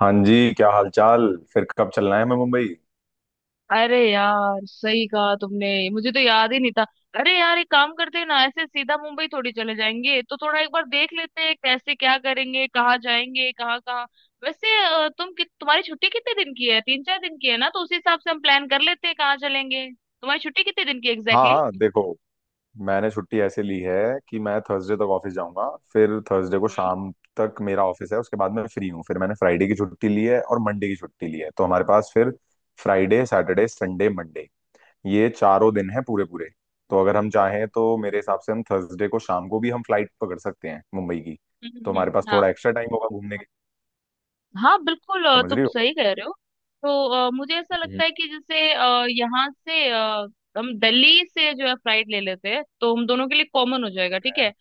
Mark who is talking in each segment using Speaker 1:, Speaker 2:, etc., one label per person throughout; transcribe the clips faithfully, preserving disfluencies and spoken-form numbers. Speaker 1: हाँ जी, क्या हालचाल। फिर कब चलना है मैं मुंबई।
Speaker 2: अरे यार, सही कहा तुमने। मुझे तो याद ही नहीं था। अरे यार, एक काम करते हैं ना, ऐसे सीधा मुंबई थोड़ी चले जाएंगे, तो थोड़ा एक बार देख लेते हैं कैसे क्या करेंगे, कहाँ जाएंगे, कहाँ कहाँ। वैसे अ, तुम कि, तुम्हारी छुट्टी कितने दिन की है? तीन चार दिन की है ना, तो उसी हिसाब से हम प्लान कर लेते हैं कहाँ चलेंगे। तुम्हारी छुट्टी कितने दिन की
Speaker 1: हाँ
Speaker 2: एग्जैक्टली?
Speaker 1: हाँ, देखो, मैंने छुट्टी ऐसे ली है कि मैं थर्सडे तक ऑफिस जाऊंगा, फिर थर्सडे को
Speaker 2: हम्म।
Speaker 1: शाम तक मेरा ऑफिस है, उसके बाद मैं फ्री हूँ। फिर मैंने फ्राइडे की छुट्टी ली है और मंडे की छुट्टी ली है, तो हमारे पास फिर फ्राइडे सैटरडे संडे मंडे ये चारों दिन हैं पूरे पूरे। तो अगर हम चाहें तो मेरे हिसाब से हम थर्सडे को शाम को भी हम फ्लाइट पकड़ सकते हैं मुंबई की।
Speaker 2: हम्म,
Speaker 1: तो
Speaker 2: हम्म,
Speaker 1: हमारे पास
Speaker 2: हम्म, हाँ।
Speaker 1: थोड़ा एक्स्ट्रा टाइम होगा घूमने के।
Speaker 2: हाँ बिल्कुल, अ,
Speaker 1: समझ रही
Speaker 2: तुम
Speaker 1: हो।
Speaker 2: सही कह रहे हो। तो अ, मुझे ऐसा लगता
Speaker 1: हम्म।
Speaker 2: है कि जैसे अ, यहाँ से अ, हम दिल्ली से जो है फ्लाइट ले लेते हैं, तो हम दोनों के लिए कॉमन हो जाएगा, ठीक है।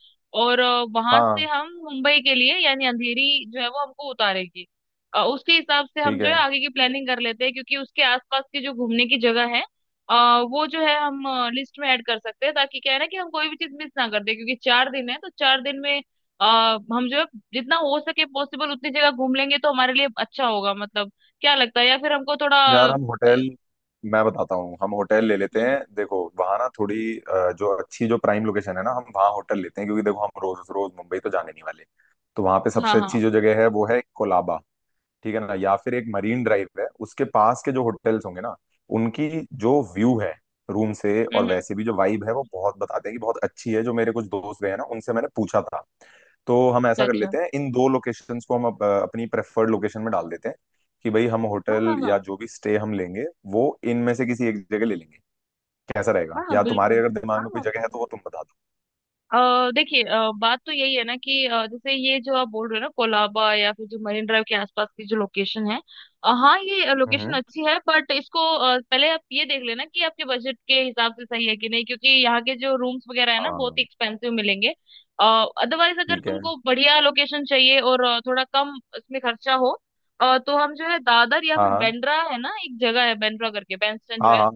Speaker 2: और अ, वहां से
Speaker 1: हाँ,
Speaker 2: हम मुंबई के लिए, यानी अंधेरी जो है वो हमको उतारेगी। अ, उसके हिसाब से हम
Speaker 1: ठीक
Speaker 2: जो है
Speaker 1: है।
Speaker 2: आगे की प्लानिंग कर लेते हैं, क्योंकि उसके आसपास की जो घूमने की जगह है अ, वो जो है हम लिस्ट में ऐड कर सकते हैं, ताकि क्या है ना कि हम कोई भी चीज मिस ना कर दे। क्योंकि चार दिन है, तो चार दिन में अ, हम जो है जितना हो सके पॉसिबल उतनी जगह घूम लेंगे, तो हमारे लिए अच्छा होगा। मतलब क्या लगता है, या फिर हमको थोड़ा
Speaker 1: यार हम
Speaker 2: अ,
Speaker 1: होटल, मैं बताता हूँ, हम होटल ले लेते
Speaker 2: हम्म,
Speaker 1: हैं। देखो वहां ना थोड़ी अ, जो अच्छी जो प्राइम लोकेशन है ना, हम वहाँ होटल लेते हैं, क्योंकि देखो हम रोज रोज मुंबई तो जाने नहीं वाले। तो वहां पे
Speaker 2: हाँ
Speaker 1: सबसे
Speaker 2: हाँ।
Speaker 1: अच्छी जो जगह है वो है कोलाबा। ठीक है ना, या फिर एक मरीन ड्राइव है, उसके पास के जो होटल्स होंगे ना, उनकी जो व्यू है रूम से,
Speaker 2: हम्म
Speaker 1: और
Speaker 2: हम्म,
Speaker 1: वैसे भी जो वाइब है वो बहुत, बताते हैं कि बहुत अच्छी है। जो मेरे कुछ दोस्त गए हैं ना, उनसे मैंने पूछा था। तो हम
Speaker 2: अच्छा
Speaker 1: ऐसा कर
Speaker 2: अच्छा।
Speaker 1: लेते हैं, इन दो लोकेशंस को हम अप, अपनी प्रेफर्ड लोकेशन में डाल देते हैं कि भाई हम
Speaker 2: हाँ हाँ
Speaker 1: होटल या
Speaker 2: हाँ।
Speaker 1: जो भी स्टे हम लेंगे, वो इनमें से किसी एक जगह ले लेंगे। कैसा रहेगा,
Speaker 2: हाँ हाँ,
Speaker 1: या तुम्हारे
Speaker 2: बिल्कुल।
Speaker 1: अगर दिमाग
Speaker 2: हाँ
Speaker 1: में कोई
Speaker 2: हाँ।
Speaker 1: जगह है तो वो तुम बता दो।
Speaker 2: अ देखिए, अ, बात तो यही है ना कि अ, जैसे ये जो आप बोल रहे हो ना, कोलाबा या फिर जो मरीन ड्राइव के आसपास की जो लोकेशन है, अ, हाँ ये लोकेशन
Speaker 1: हम्म।
Speaker 2: अच्छी है, बट इसको अ, पहले आप ये देख लेना कि आपके बजट के हिसाब से सही है कि नहीं, क्योंकि यहाँ के जो रूम्स वगैरह है ना, बहुत ही
Speaker 1: हाँ,
Speaker 2: एक्सपेंसिव मिलेंगे। अदरवाइज अगर
Speaker 1: ठीक है।
Speaker 2: तुमको बढ़िया लोकेशन चाहिए और अ, थोड़ा कम इसमें खर्चा हो, अ, तो हम जो है दादर या फिर
Speaker 1: हाँ
Speaker 2: बेंड्रा है ना, एक जगह है बेंड्रा करके, बैंडस्टैंड जो
Speaker 1: हाँ
Speaker 2: है,
Speaker 1: हाँ।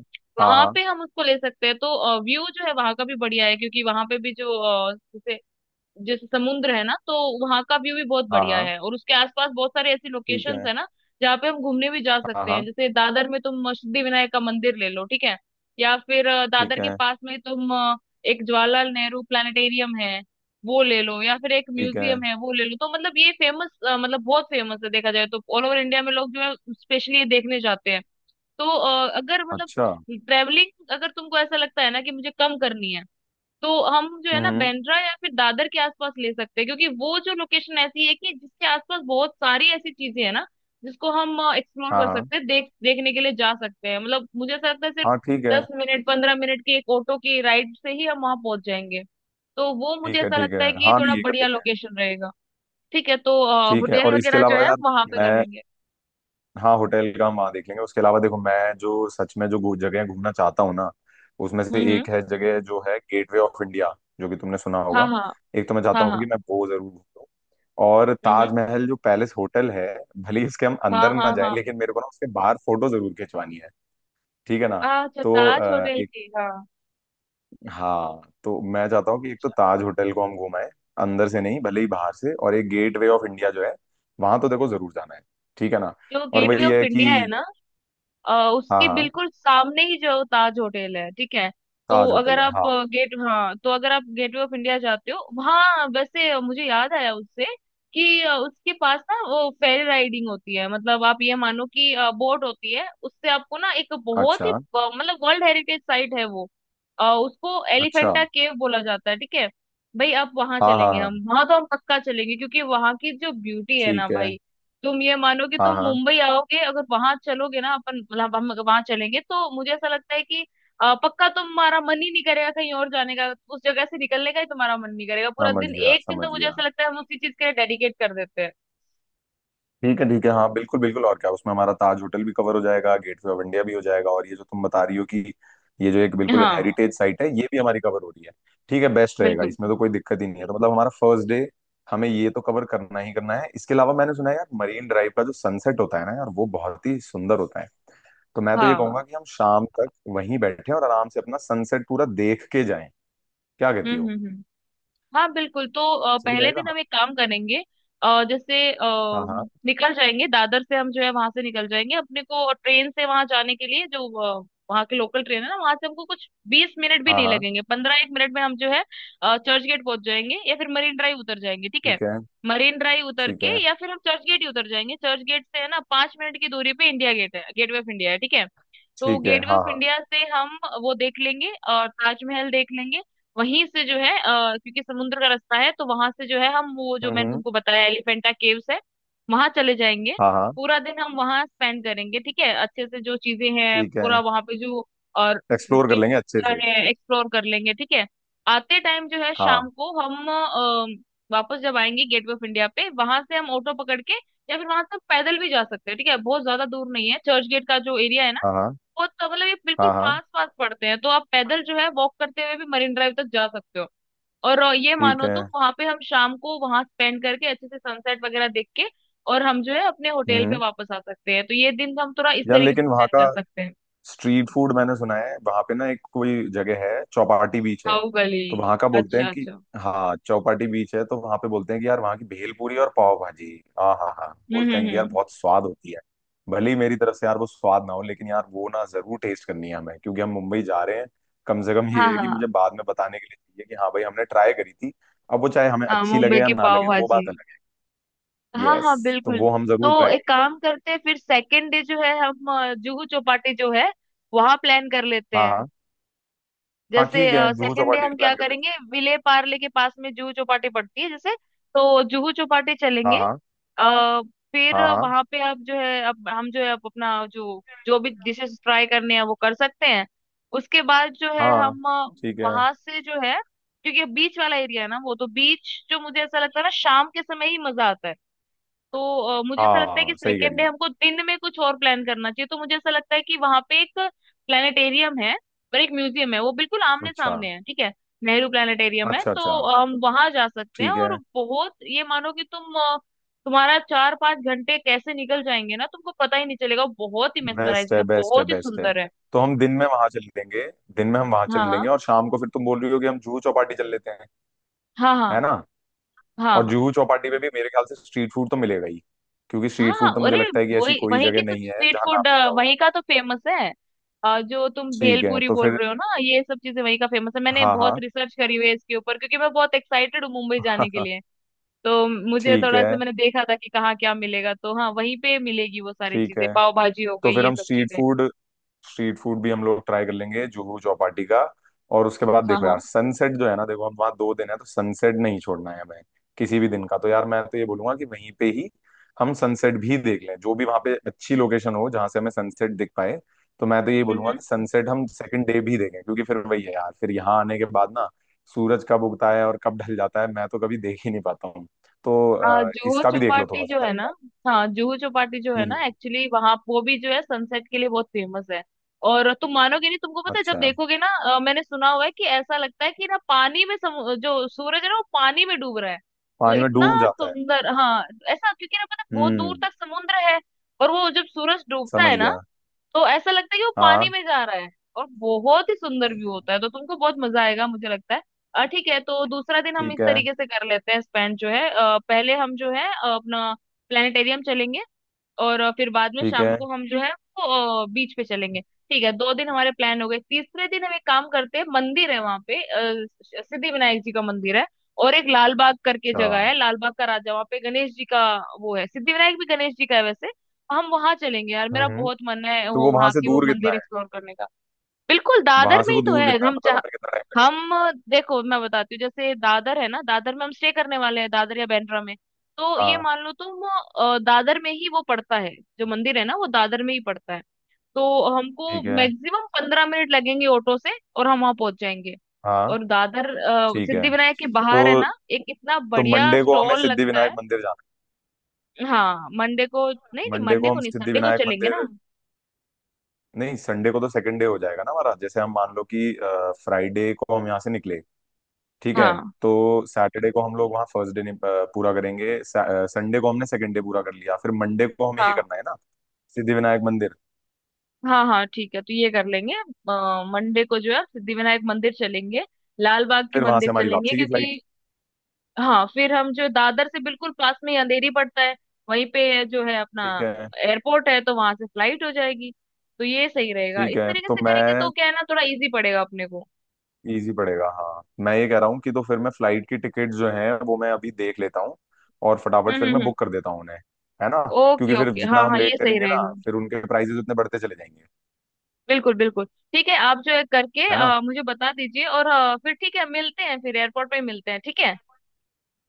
Speaker 1: हाँ हाँ।
Speaker 2: वहां
Speaker 1: हाँ
Speaker 2: पे हम उसको ले सकते हैं। तो व्यू जो है वहां का भी बढ़िया है, क्योंकि वहां पे भी जो अ, जैसे जैसे समुद्र है ना, तो वहां का व्यू भी बहुत
Speaker 1: हाँ।
Speaker 2: बढ़िया
Speaker 1: हाँ,
Speaker 2: है। और उसके आसपास बहुत सारे ऐसी
Speaker 1: ठीक
Speaker 2: लोकेशंस
Speaker 1: है।
Speaker 2: है ना जहाँ पे हम घूमने भी जा
Speaker 1: हाँ
Speaker 2: सकते हैं।
Speaker 1: हाँ।
Speaker 2: जैसे दादर में तुम सिद्धि विनायक का मंदिर ले लो, ठीक है? या फिर अ, दादर
Speaker 1: ठीक
Speaker 2: के
Speaker 1: है।
Speaker 2: पास में तुम अ, एक जवाहरलाल नेहरू प्लानिटेरियम है वो ले लो, या फिर एक
Speaker 1: ठीक है।
Speaker 2: म्यूजियम है वो ले लो। तो मतलब ये फेमस, मतलब बहुत फेमस है, देखा जाए तो ऑल ओवर इंडिया में लोग जो है स्पेशली ये देखने जाते हैं। तो अ, अगर मतलब
Speaker 1: अच्छा।
Speaker 2: ट्रेवलिंग अगर तुमको ऐसा लगता है ना कि मुझे कम करनी है, तो हम जो है ना
Speaker 1: हम्म।
Speaker 2: बांद्रा या फिर दादर के आसपास ले सकते हैं, क्योंकि वो जो लोकेशन ऐसी है कि जिसके आसपास बहुत सारी ऐसी चीजें हैं ना जिसको हम एक्सप्लोर
Speaker 1: हाँ
Speaker 2: कर
Speaker 1: हाँ
Speaker 2: सकते हैं, देख देखने के लिए जा सकते हैं। मतलब मुझे ऐसा लगता है सिर्फ
Speaker 1: हाँ। ठीक है।
Speaker 2: दस मिनट पंद्रह मिनट की एक ऑटो की राइड से ही हम वहां पहुंच जाएंगे। तो वो मुझे
Speaker 1: ठीक है।
Speaker 2: ऐसा
Speaker 1: ठीक है।
Speaker 2: लगता है कि
Speaker 1: हाँ,
Speaker 2: थोड़ा
Speaker 1: नहीं ये कर
Speaker 2: बढ़िया
Speaker 1: देते हैं।
Speaker 2: लोकेशन रहेगा। ठीक है, तो
Speaker 1: ठीक है,
Speaker 2: होटल
Speaker 1: और इसके
Speaker 2: वगैरह जो
Speaker 1: अलावा
Speaker 2: है
Speaker 1: यार,
Speaker 2: वहां पे कर
Speaker 1: मैं,
Speaker 2: लेंगे।
Speaker 1: हाँ होटल का हम वहाँ देख लेंगे। उसके अलावा देखो, मैं जो सच में जो घू- जगह घूमना चाहता हूँ ना, उसमें
Speaker 2: हम्म
Speaker 1: से
Speaker 2: हम्म।
Speaker 1: एक है जगह जो है गेटवे ऑफ इंडिया, जो कि तुमने सुना
Speaker 2: हाँ
Speaker 1: होगा।
Speaker 2: हाँ
Speaker 1: एक तो मैं चाहता
Speaker 2: हाँ
Speaker 1: हूँ कि
Speaker 2: हाँ।
Speaker 1: मैं वो जरूर घूमूं। और
Speaker 2: हम्म हम्म।
Speaker 1: ताजमहल जो पैलेस होटल है, भले ही इसके हम
Speaker 2: हाँ
Speaker 1: अंदर ना
Speaker 2: हाँ
Speaker 1: जाए,
Speaker 2: हाँ।
Speaker 1: लेकिन मेरे को ना उसके बाहर फोटो जरूर खिंचवानी है। ठीक है ना।
Speaker 2: आ, अच्छा,
Speaker 1: तो
Speaker 2: ताज होटल के, हाँ।
Speaker 1: हाँ, तो मैं चाहता हूँ कि एक तो ताज होटल को हम घुमाएं अंदर से नहीं भले ही बाहर से, और एक गेट वे ऑफ इंडिया जो है, वहां तो देखो जरूर जाना है। ठीक है ना।
Speaker 2: जो
Speaker 1: और
Speaker 2: गेटवे
Speaker 1: वही
Speaker 2: ऑफ
Speaker 1: है
Speaker 2: इंडिया
Speaker 1: कि,
Speaker 2: है ना, आ,
Speaker 1: हाँ
Speaker 2: उसके
Speaker 1: हाँ,
Speaker 2: बिल्कुल सामने ही जो ताज होटल है, ठीक है। तो
Speaker 1: ताज
Speaker 2: अगर
Speaker 1: होटल है
Speaker 2: आप
Speaker 1: हाँ।
Speaker 2: आ, गेट हाँ, तो अगर आप गेटवे ऑफ इंडिया जाते हो वहाँ, वैसे आ, मुझे याद आया उससे कि आ, उसके पास ना वो फेरी राइडिंग होती है। मतलब आप ये मानो कि आ, बोट होती है, उससे आपको ना एक बहुत ही
Speaker 1: अच्छा
Speaker 2: आ, मतलब वर्ल्ड हेरिटेज साइट है वो। आ, उसको
Speaker 1: अच्छा।
Speaker 2: एलिफेंटा केव बोला जाता है, ठीक है? भाई आप वहां
Speaker 1: हाँ हाँ
Speaker 2: चलेंगे,
Speaker 1: हाँ।
Speaker 2: हम वहां तो हम पक्का चलेंगे, क्योंकि वहां की जो ब्यूटी है ना
Speaker 1: ठीक है।
Speaker 2: भाई, तुम ये मानो कि
Speaker 1: हाँ
Speaker 2: तुम
Speaker 1: हाँ।
Speaker 2: मुंबई आओगे, अगर वहां चलोगे ना, अपन मतलब हम अगर वहां चलेंगे, तो मुझे ऐसा लगता है कि अ, पक्का तुम्हारा मन ही नहीं करेगा कहीं और जाने का। उस जगह से निकलने का ही तुम्हारा मन नहीं करेगा। पूरा
Speaker 1: समझ
Speaker 2: दिन
Speaker 1: गया
Speaker 2: एक दिन
Speaker 1: समझ
Speaker 2: तो मुझे
Speaker 1: गया।
Speaker 2: ऐसा लगता है हम उसी चीज के लिए डेडिकेट कर देते हैं।
Speaker 1: ठीक है ठीक है। हाँ बिल्कुल बिल्कुल, और क्या उसमें हमारा ताज होटल भी कवर हो जाएगा, गेटवे ऑफ इंडिया भी हो जाएगा, और ये जो तुम बता रही हो कि, ये जो एक बिल्कुल
Speaker 2: हाँ
Speaker 1: हेरिटेज साइट है, ये भी हमारी कवर हो रही है। ठीक है, बेस्ट रहेगा,
Speaker 2: बिल्कुल।
Speaker 1: इसमें तो कोई दिक्कत ही नहीं है। तो मतलब हमारा फर्स्ट डे, हमें ये तो कवर करना ही करना है। इसके अलावा मैंने सुना है यार, मरीन ड्राइव का जो सनसेट होता है ना यार, वो बहुत ही सुंदर होता है। तो मैं तो ये
Speaker 2: हाँ।
Speaker 1: कहूंगा कि हम शाम तक वहीं बैठे और आराम से अपना सनसेट पूरा देख के जाएं। क्या कहती
Speaker 2: हम्म
Speaker 1: हो,
Speaker 2: हम्म हम्म। हाँ बिल्कुल, तो अ,
Speaker 1: सही
Speaker 2: पहले
Speaker 1: रहेगा
Speaker 2: दिन
Speaker 1: ना।
Speaker 2: हम एक काम करेंगे, अ, जैसे अ,
Speaker 1: हाँ हाँ
Speaker 2: निकल जाएंगे दादर से, हम जो है वहां से निकल जाएंगे। अपने को ट्रेन से वहां जाने के लिए जो अ, वहाँ के लोकल ट्रेन है ना, वहां से हमको कुछ बीस मिनट भी
Speaker 1: हाँ।
Speaker 2: नहीं
Speaker 1: हाँ
Speaker 2: लगेंगे, पंद्रह एक मिनट में हम जो है अ, चर्च गेट पहुंच जाएंगे, या फिर मरीन ड्राइव उतर जाएंगे, ठीक है।
Speaker 1: ठीक है
Speaker 2: मरीन ड्राइव उतर
Speaker 1: ठीक
Speaker 2: के,
Speaker 1: है
Speaker 2: या फिर हम चर्च गेट ही उतर जाएंगे। चर्च गेट से है ना, पांच मिनट की दूरी पे इंडिया गेट है, गेटवे ऑफ इंडिया है, ठीक है। तो
Speaker 1: ठीक है।
Speaker 2: गेटवे
Speaker 1: हाँ
Speaker 2: ऑफ
Speaker 1: हाँ।
Speaker 2: इंडिया से हम वो देख लेंगे और ताजमहल देख लेंगे। वहीं से जो है अ, क्योंकि समुद्र का रास्ता है, तो वहां से जो है हम वो जो
Speaker 1: हम्म
Speaker 2: मैंने
Speaker 1: हम्म,
Speaker 2: तुमको बताया, एलिफेंटा केव्स है, वहां चले जाएंगे।
Speaker 1: हाँ हाँ।
Speaker 2: पूरा दिन हम वहां स्पेंड करेंगे, ठीक है, अच्छे से जो चीजें हैं
Speaker 1: ठीक
Speaker 2: पूरा
Speaker 1: है,
Speaker 2: वहां पे जो, और
Speaker 1: एक्सप्लोर कर
Speaker 2: cave
Speaker 1: लेंगे अच्छे से।
Speaker 2: वगैरह है एक्सप्लोर कर लेंगे, ठीक है। आते टाइम जो है शाम
Speaker 1: हाँ
Speaker 2: को हम अ, वापस जब आएंगे गेटवे ऑफ इंडिया पे, वहां से हम ऑटो पकड़ के या फिर वहां से हम पैदल भी जा सकते हैं। ठीक है, बहुत ज्यादा दूर नहीं है, चर्च गेट का जो एरिया है ना,
Speaker 1: हाँ
Speaker 2: वो तो मतलब ये बिल्कुल
Speaker 1: हाँ। हाँ हाँ।
Speaker 2: पास पास पड़ते हैं, तो आप पैदल जो है वॉक करते हुए भी मरीन ड्राइव तक जा सकते हो। और अ, ये
Speaker 1: ठीक
Speaker 2: मानो
Speaker 1: है।
Speaker 2: तो वहां पे हम शाम को वहां स्पेंड करके अच्छे से सनसेट वगैरह देख के, और हम जो है अपने होटल पे
Speaker 1: हम्म।
Speaker 2: वापस आ सकते हैं। तो ये दिन हम थोड़ा इस
Speaker 1: यार
Speaker 2: तरीके
Speaker 1: लेकिन
Speaker 2: से
Speaker 1: वहाँ
Speaker 2: प्लान कर
Speaker 1: का
Speaker 2: सकते हैं।
Speaker 1: स्ट्रीट फूड, मैंने सुना है वहाँ पे ना एक कोई जगह है चौपाटी बीच है,
Speaker 2: खाऊ गली।
Speaker 1: तो वहाँ का बोलते हैं
Speaker 2: अच्छा
Speaker 1: कि,
Speaker 2: अच्छा।
Speaker 1: हाँ चौपाटी बीच है तो वहाँ पे बोलते हैं कि यार वहाँ की भेल पूरी और पाव भाजी, हाँ हाँ हाँ,
Speaker 2: हम्म
Speaker 1: बोलते
Speaker 2: हम्म
Speaker 1: हैं कि यार
Speaker 2: हम्म।
Speaker 1: बहुत स्वाद होती है। भले ही मेरी तरफ से यार वो स्वाद ना हो, लेकिन यार वो ना जरूर टेस्ट करनी है हमें, क्योंकि हम मुंबई जा रहे हैं। कम से कम
Speaker 2: हाँ
Speaker 1: ये है कि
Speaker 2: हाँ
Speaker 1: मुझे बाद में बताने के लिए चाहिए कि हाँ भाई हमने ट्राई करी थी। अब वो चाहे हमें
Speaker 2: हाँ,
Speaker 1: अच्छी लगे
Speaker 2: मुंबई
Speaker 1: या
Speaker 2: की
Speaker 1: ना
Speaker 2: पाव
Speaker 1: लगे, वो
Speaker 2: भाजी।
Speaker 1: बात अलग है।
Speaker 2: हाँ
Speaker 1: यस,
Speaker 2: हाँ
Speaker 1: तो
Speaker 2: बिल्कुल,
Speaker 1: वो हम जरूर
Speaker 2: तो
Speaker 1: ट्राई
Speaker 2: एक
Speaker 1: करेंगे।
Speaker 2: काम करते हैं, फिर सेकेंड डे जो है हम अ, जुहू चौपाटी जो है वहां प्लान कर लेते
Speaker 1: हाँ
Speaker 2: हैं।
Speaker 1: हाँ हाँ।
Speaker 2: जैसे
Speaker 1: ठीक है, जुहू
Speaker 2: सेकंड डे
Speaker 1: चौपाटी
Speaker 2: हम क्या
Speaker 1: प्लान कर
Speaker 2: करेंगे,
Speaker 1: लेते
Speaker 2: विले पार्ले के पास में जुहू चौपाटी पड़ती है, जैसे तो जुहू चौपाटी
Speaker 1: हैं।
Speaker 2: चलेंगे।
Speaker 1: हाँ हाँ
Speaker 2: अ, फिर
Speaker 1: हाँ।
Speaker 2: वहां पे आप जो है, अब हम जो है अब अपना जो जो भी डिशेस ट्राई करने हैं वो कर सकते हैं। उसके बाद जो
Speaker 1: हाँ
Speaker 2: है
Speaker 1: हाँ।
Speaker 2: हम
Speaker 1: ठीक है।
Speaker 2: वहां से जो है, क्योंकि बीच वाला एरिया है ना, वो तो बीच जो मुझे ऐसा लगता है ना शाम के समय ही मजा आता है। तो अ, मुझे ऐसा लगता है कि
Speaker 1: हाँ सही कह
Speaker 2: सेकेंड
Speaker 1: रही
Speaker 2: डे
Speaker 1: हो।
Speaker 2: हमको दिन में कुछ और प्लान करना चाहिए। तो मुझे ऐसा लगता है कि वहां पे एक प्लानिटेरियम है और एक म्यूजियम है, वो बिल्कुल आमने
Speaker 1: अच्छा
Speaker 2: सामने है, ठीक है। नेहरू प्लानिटेरियम है,
Speaker 1: अच्छा।
Speaker 2: तो
Speaker 1: अच्छा
Speaker 2: अ, हम वहां जा सकते हैं।
Speaker 1: ठीक
Speaker 2: और
Speaker 1: है।
Speaker 2: बहुत ये मानो कि तुम अ, तुम्हारा चार पांच घंटे कैसे निकल जाएंगे ना, तुमको पता ही नहीं चलेगा, बहुत ही
Speaker 1: बेस्ट
Speaker 2: मेस्मराइजिंग
Speaker 1: है
Speaker 2: है,
Speaker 1: बेस्ट है
Speaker 2: बहुत ही
Speaker 1: बेस्ट है।
Speaker 2: सुंदर है।
Speaker 1: तो हम दिन में वहां चल लेंगे, दिन में हम वहां चल
Speaker 2: हाँ
Speaker 1: लेंगे, और शाम को फिर तुम बोल रही हो कि हम जुहू चौपाटी चल लेते हैं।
Speaker 2: हाँ
Speaker 1: है
Speaker 2: हाँ
Speaker 1: ना। और
Speaker 2: हाँ
Speaker 1: जुहू चौपाटी पे भी मेरे ख्याल से स्ट्रीट फूड तो मिलेगा ही, क्योंकि स्ट्रीट
Speaker 2: हाँ।
Speaker 1: फूड तो मुझे
Speaker 2: अरे
Speaker 1: लगता है कि ऐसी
Speaker 2: वही
Speaker 1: कोई
Speaker 2: वही की
Speaker 1: जगह
Speaker 2: तो
Speaker 1: नहीं है
Speaker 2: स्ट्रीट
Speaker 1: जहाँ ना
Speaker 2: फूड,
Speaker 1: मिलता हो।
Speaker 2: वही का तो फेमस है। अ, जो तुम
Speaker 1: ठीक है,
Speaker 2: भेलपूरी
Speaker 1: तो
Speaker 2: बोल
Speaker 1: फिर,
Speaker 2: रहे हो ना, ये सब चीजें वही का फेमस है। मैंने
Speaker 1: हाँ
Speaker 2: बहुत
Speaker 1: हाँ,
Speaker 2: रिसर्च करी हुई है इसके ऊपर, क्योंकि मैं बहुत एक्साइटेड हूँ मुंबई जाने के लिए। तो मुझे
Speaker 1: ठीक
Speaker 2: थोड़ा सा
Speaker 1: है
Speaker 2: मैंने देखा था कि कहाँ क्या मिलेगा, तो हाँ वहीं पे मिलेगी वो सारी
Speaker 1: ठीक
Speaker 2: चीजें,
Speaker 1: है।
Speaker 2: पाव भाजी हो
Speaker 1: तो
Speaker 2: गई
Speaker 1: फिर
Speaker 2: ये
Speaker 1: हम
Speaker 2: सब
Speaker 1: स्ट्रीट
Speaker 2: चीजें।
Speaker 1: फूड, स्ट्रीट फूड भी हम लोग ट्राई कर लेंगे जुहू चौपाटी का। और उसके बाद
Speaker 2: हाँ
Speaker 1: देखो यार,
Speaker 2: हाँ।
Speaker 1: सनसेट जो है ना, देखो हम वहाँ दो दिन है तो सनसेट नहीं छोड़ना है हमें किसी भी दिन का। तो यार मैं तो ये बोलूंगा कि वहीं पे ही हम सनसेट भी देख लें, जो भी वहाँ पे अच्छी लोकेशन हो जहाँ से हमें सनसेट दिख पाए। तो मैं तो ये
Speaker 2: हम्म
Speaker 1: बोलूंगा कि
Speaker 2: हम्म।
Speaker 1: सनसेट हम सेकंड डे भी देखें, क्योंकि फिर वही है यार, फिर यहाँ आने के बाद ना सूरज कब उगता है और कब ढल जाता है मैं तो कभी देख ही नहीं पाता हूँ। तो
Speaker 2: आ,
Speaker 1: अ,
Speaker 2: जुहू
Speaker 1: इसका भी देख लो
Speaker 2: चौपाटी
Speaker 1: थोड़ा
Speaker 2: जो
Speaker 1: सा
Speaker 2: है
Speaker 1: एक
Speaker 2: ना,
Speaker 1: बार।
Speaker 2: हाँ जुहू चौपाटी जो है ना,
Speaker 1: हम्म।
Speaker 2: एक्चुअली वहां वो भी जो है सनसेट के लिए बहुत फेमस है। और तुम मानोगे नहीं, तुमको पता है जब
Speaker 1: अच्छा।
Speaker 2: देखोगे ना, अ, मैंने सुना हुआ है कि ऐसा लगता है कि ना पानी में सम, जो सूरज है ना वो पानी में डूब रहा है, मतलब
Speaker 1: पानी में
Speaker 2: इतना
Speaker 1: डूब जाता है।
Speaker 2: सुंदर, हाँ। ऐसा क्योंकि ना, पता है, बहुत दूर
Speaker 1: हम्म।
Speaker 2: तक समुद्र है, और वो जब सूरज डूबता
Speaker 1: समझ
Speaker 2: है ना,
Speaker 1: गया।
Speaker 2: तो ऐसा लगता है कि वो पानी
Speaker 1: हाँ।
Speaker 2: में जा रहा है। और बहुत ही सुंदर व्यू होता है, तो तुमको बहुत मजा आएगा मुझे लगता है। अ, ठीक है, तो दूसरा दिन हम इस
Speaker 1: ठीक है
Speaker 2: तरीके से कर लेते हैं स्पेंड जो है, अ, पहले हम जो है अ, अपना प्लानिटेरियम चलेंगे, और अ, फिर बाद में
Speaker 1: ठीक
Speaker 2: शाम
Speaker 1: है।
Speaker 2: को हम जो है वो अ, बीच पे चलेंगे। ठीक है, दो दिन हमारे प्लान हो गए। तीसरे दिन हम एक काम करते हैं, मंदिर है वहां पे, अ, सिद्धि विनायक जी का मंदिर है, और एक लाल बाग करके
Speaker 1: अच्छा।
Speaker 2: जगह है, लाल बाग का राजा, वहां पे गणेश जी का वो है। सिद्धि विनायक भी गणेश जी का है वैसे। हम वहां चलेंगे यार, मेरा
Speaker 1: हम्म।
Speaker 2: बहुत मन है
Speaker 1: तो
Speaker 2: वो
Speaker 1: वो वहां
Speaker 2: वहां
Speaker 1: से
Speaker 2: की वो
Speaker 1: दूर कितना
Speaker 2: मंदिर
Speaker 1: है।
Speaker 2: एक्सप्लोर करने का। बिल्कुल
Speaker 1: वहां
Speaker 2: दादर
Speaker 1: से
Speaker 2: में
Speaker 1: वो
Speaker 2: ही तो
Speaker 1: दूर
Speaker 2: है
Speaker 1: कितना है,
Speaker 2: हम
Speaker 1: मतलब
Speaker 2: जहाँ
Speaker 1: हमें कितना टाइम
Speaker 2: हम देखो मैं बताती हूँ, जैसे दादर है ना, दादर में हम स्टे करने वाले हैं, दादर या बांद्रा में। तो
Speaker 1: लगेगा।
Speaker 2: ये
Speaker 1: हाँ।
Speaker 2: मान लो तुम, अ, दादर में ही वो पड़ता है, जो मंदिर है ना वो दादर में ही पड़ता है। तो हमको
Speaker 1: ठीक है।
Speaker 2: मैक्सिमम पंद्रह मिनट लगेंगे ऑटो से, और हम वहां पहुंच जाएंगे।
Speaker 1: हाँ।
Speaker 2: और दादर अ,
Speaker 1: ठीक है
Speaker 2: सिद्धिविनायक के बाहर है
Speaker 1: तो
Speaker 2: ना, एक इतना
Speaker 1: तो
Speaker 2: बढ़िया
Speaker 1: मंडे को हमें
Speaker 2: स्टॉल
Speaker 1: सिद्धि
Speaker 2: लगता
Speaker 1: विनायक
Speaker 2: है।
Speaker 1: मंदिर जाना
Speaker 2: हाँ मंडे को नहीं,
Speaker 1: है।
Speaker 2: नहीं
Speaker 1: मंडे
Speaker 2: मंडे
Speaker 1: को
Speaker 2: को
Speaker 1: हम
Speaker 2: नहीं,
Speaker 1: सिद्धि
Speaker 2: संडे को
Speaker 1: विनायक
Speaker 2: चलेंगे ना
Speaker 1: मंदिर,
Speaker 2: हम।
Speaker 1: नहीं संडे को तो सेकंड डे हो जाएगा ना हमारा। जैसे हम मान लो कि फ्राइडे को हम यहाँ से निकले, ठीक है,
Speaker 2: हाँ
Speaker 1: तो सैटरडे को हम लोग वहाँ फर्स्ट डे पूरा करेंगे, संडे को हमने सेकंड डे पूरा कर लिया, फिर मंडे को हमें ये
Speaker 2: हाँ।
Speaker 1: करना है ना, सिद्धि विनायक मंदिर।
Speaker 2: हाँ हाँ, ठीक है, तो ये कर लेंगे, अ, मंडे को जो है सिद्धिविनायक मंदिर चलेंगे, लाल बाग के
Speaker 1: फिर वहां
Speaker 2: मंदिर
Speaker 1: से हमारी
Speaker 2: चलेंगे,
Speaker 1: वापसी की फ्लाइट।
Speaker 2: क्योंकि हाँ फिर हम जो दादर से बिल्कुल पास में ही अंधेरी पड़ता है, वहीं पे जो है अपना
Speaker 1: ठीक है।
Speaker 2: एयरपोर्ट है, तो वहां से फ्लाइट हो जाएगी। तो ये सही रहेगा,
Speaker 1: ठीक
Speaker 2: इस
Speaker 1: है
Speaker 2: तरीके
Speaker 1: तो
Speaker 2: से करेंगे, तो
Speaker 1: मैं,
Speaker 2: क्या है ना, थोड़ा इजी पड़ेगा अपने को।
Speaker 1: इजी पड़ेगा हाँ। मैं ये कह रहा हूँ कि तो फिर मैं फ्लाइट की टिकट जो है वो मैं अभी देख लेता हूँ, और फटाफट
Speaker 2: हम्म
Speaker 1: फिर
Speaker 2: हम्म
Speaker 1: मैं
Speaker 2: हम्म।
Speaker 1: बुक कर देता हूँ उन्हें। है ना।
Speaker 2: ओके
Speaker 1: क्योंकि फिर
Speaker 2: ओके,
Speaker 1: जितना
Speaker 2: हाँ
Speaker 1: हम
Speaker 2: हाँ,
Speaker 1: लेट
Speaker 2: ये सही
Speaker 1: करेंगे ना,
Speaker 2: रहेगा।
Speaker 1: फिर उनके प्राइसेस उतने बढ़ते चले जाएंगे।
Speaker 2: बिल्कुल बिल्कुल। ठीक है, आप जो है करके
Speaker 1: है ना।
Speaker 2: अ, मुझे बता दीजिए, और अ, फिर ठीक है मिलते हैं, फिर एयरपोर्ट पे मिलते हैं, ठीक है।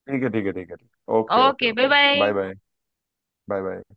Speaker 1: ठीक है ठीक है ठीक है, ठीक, okay okay
Speaker 2: okay, bye
Speaker 1: okay.
Speaker 2: Bye.
Speaker 1: Bye bye. Bye bye.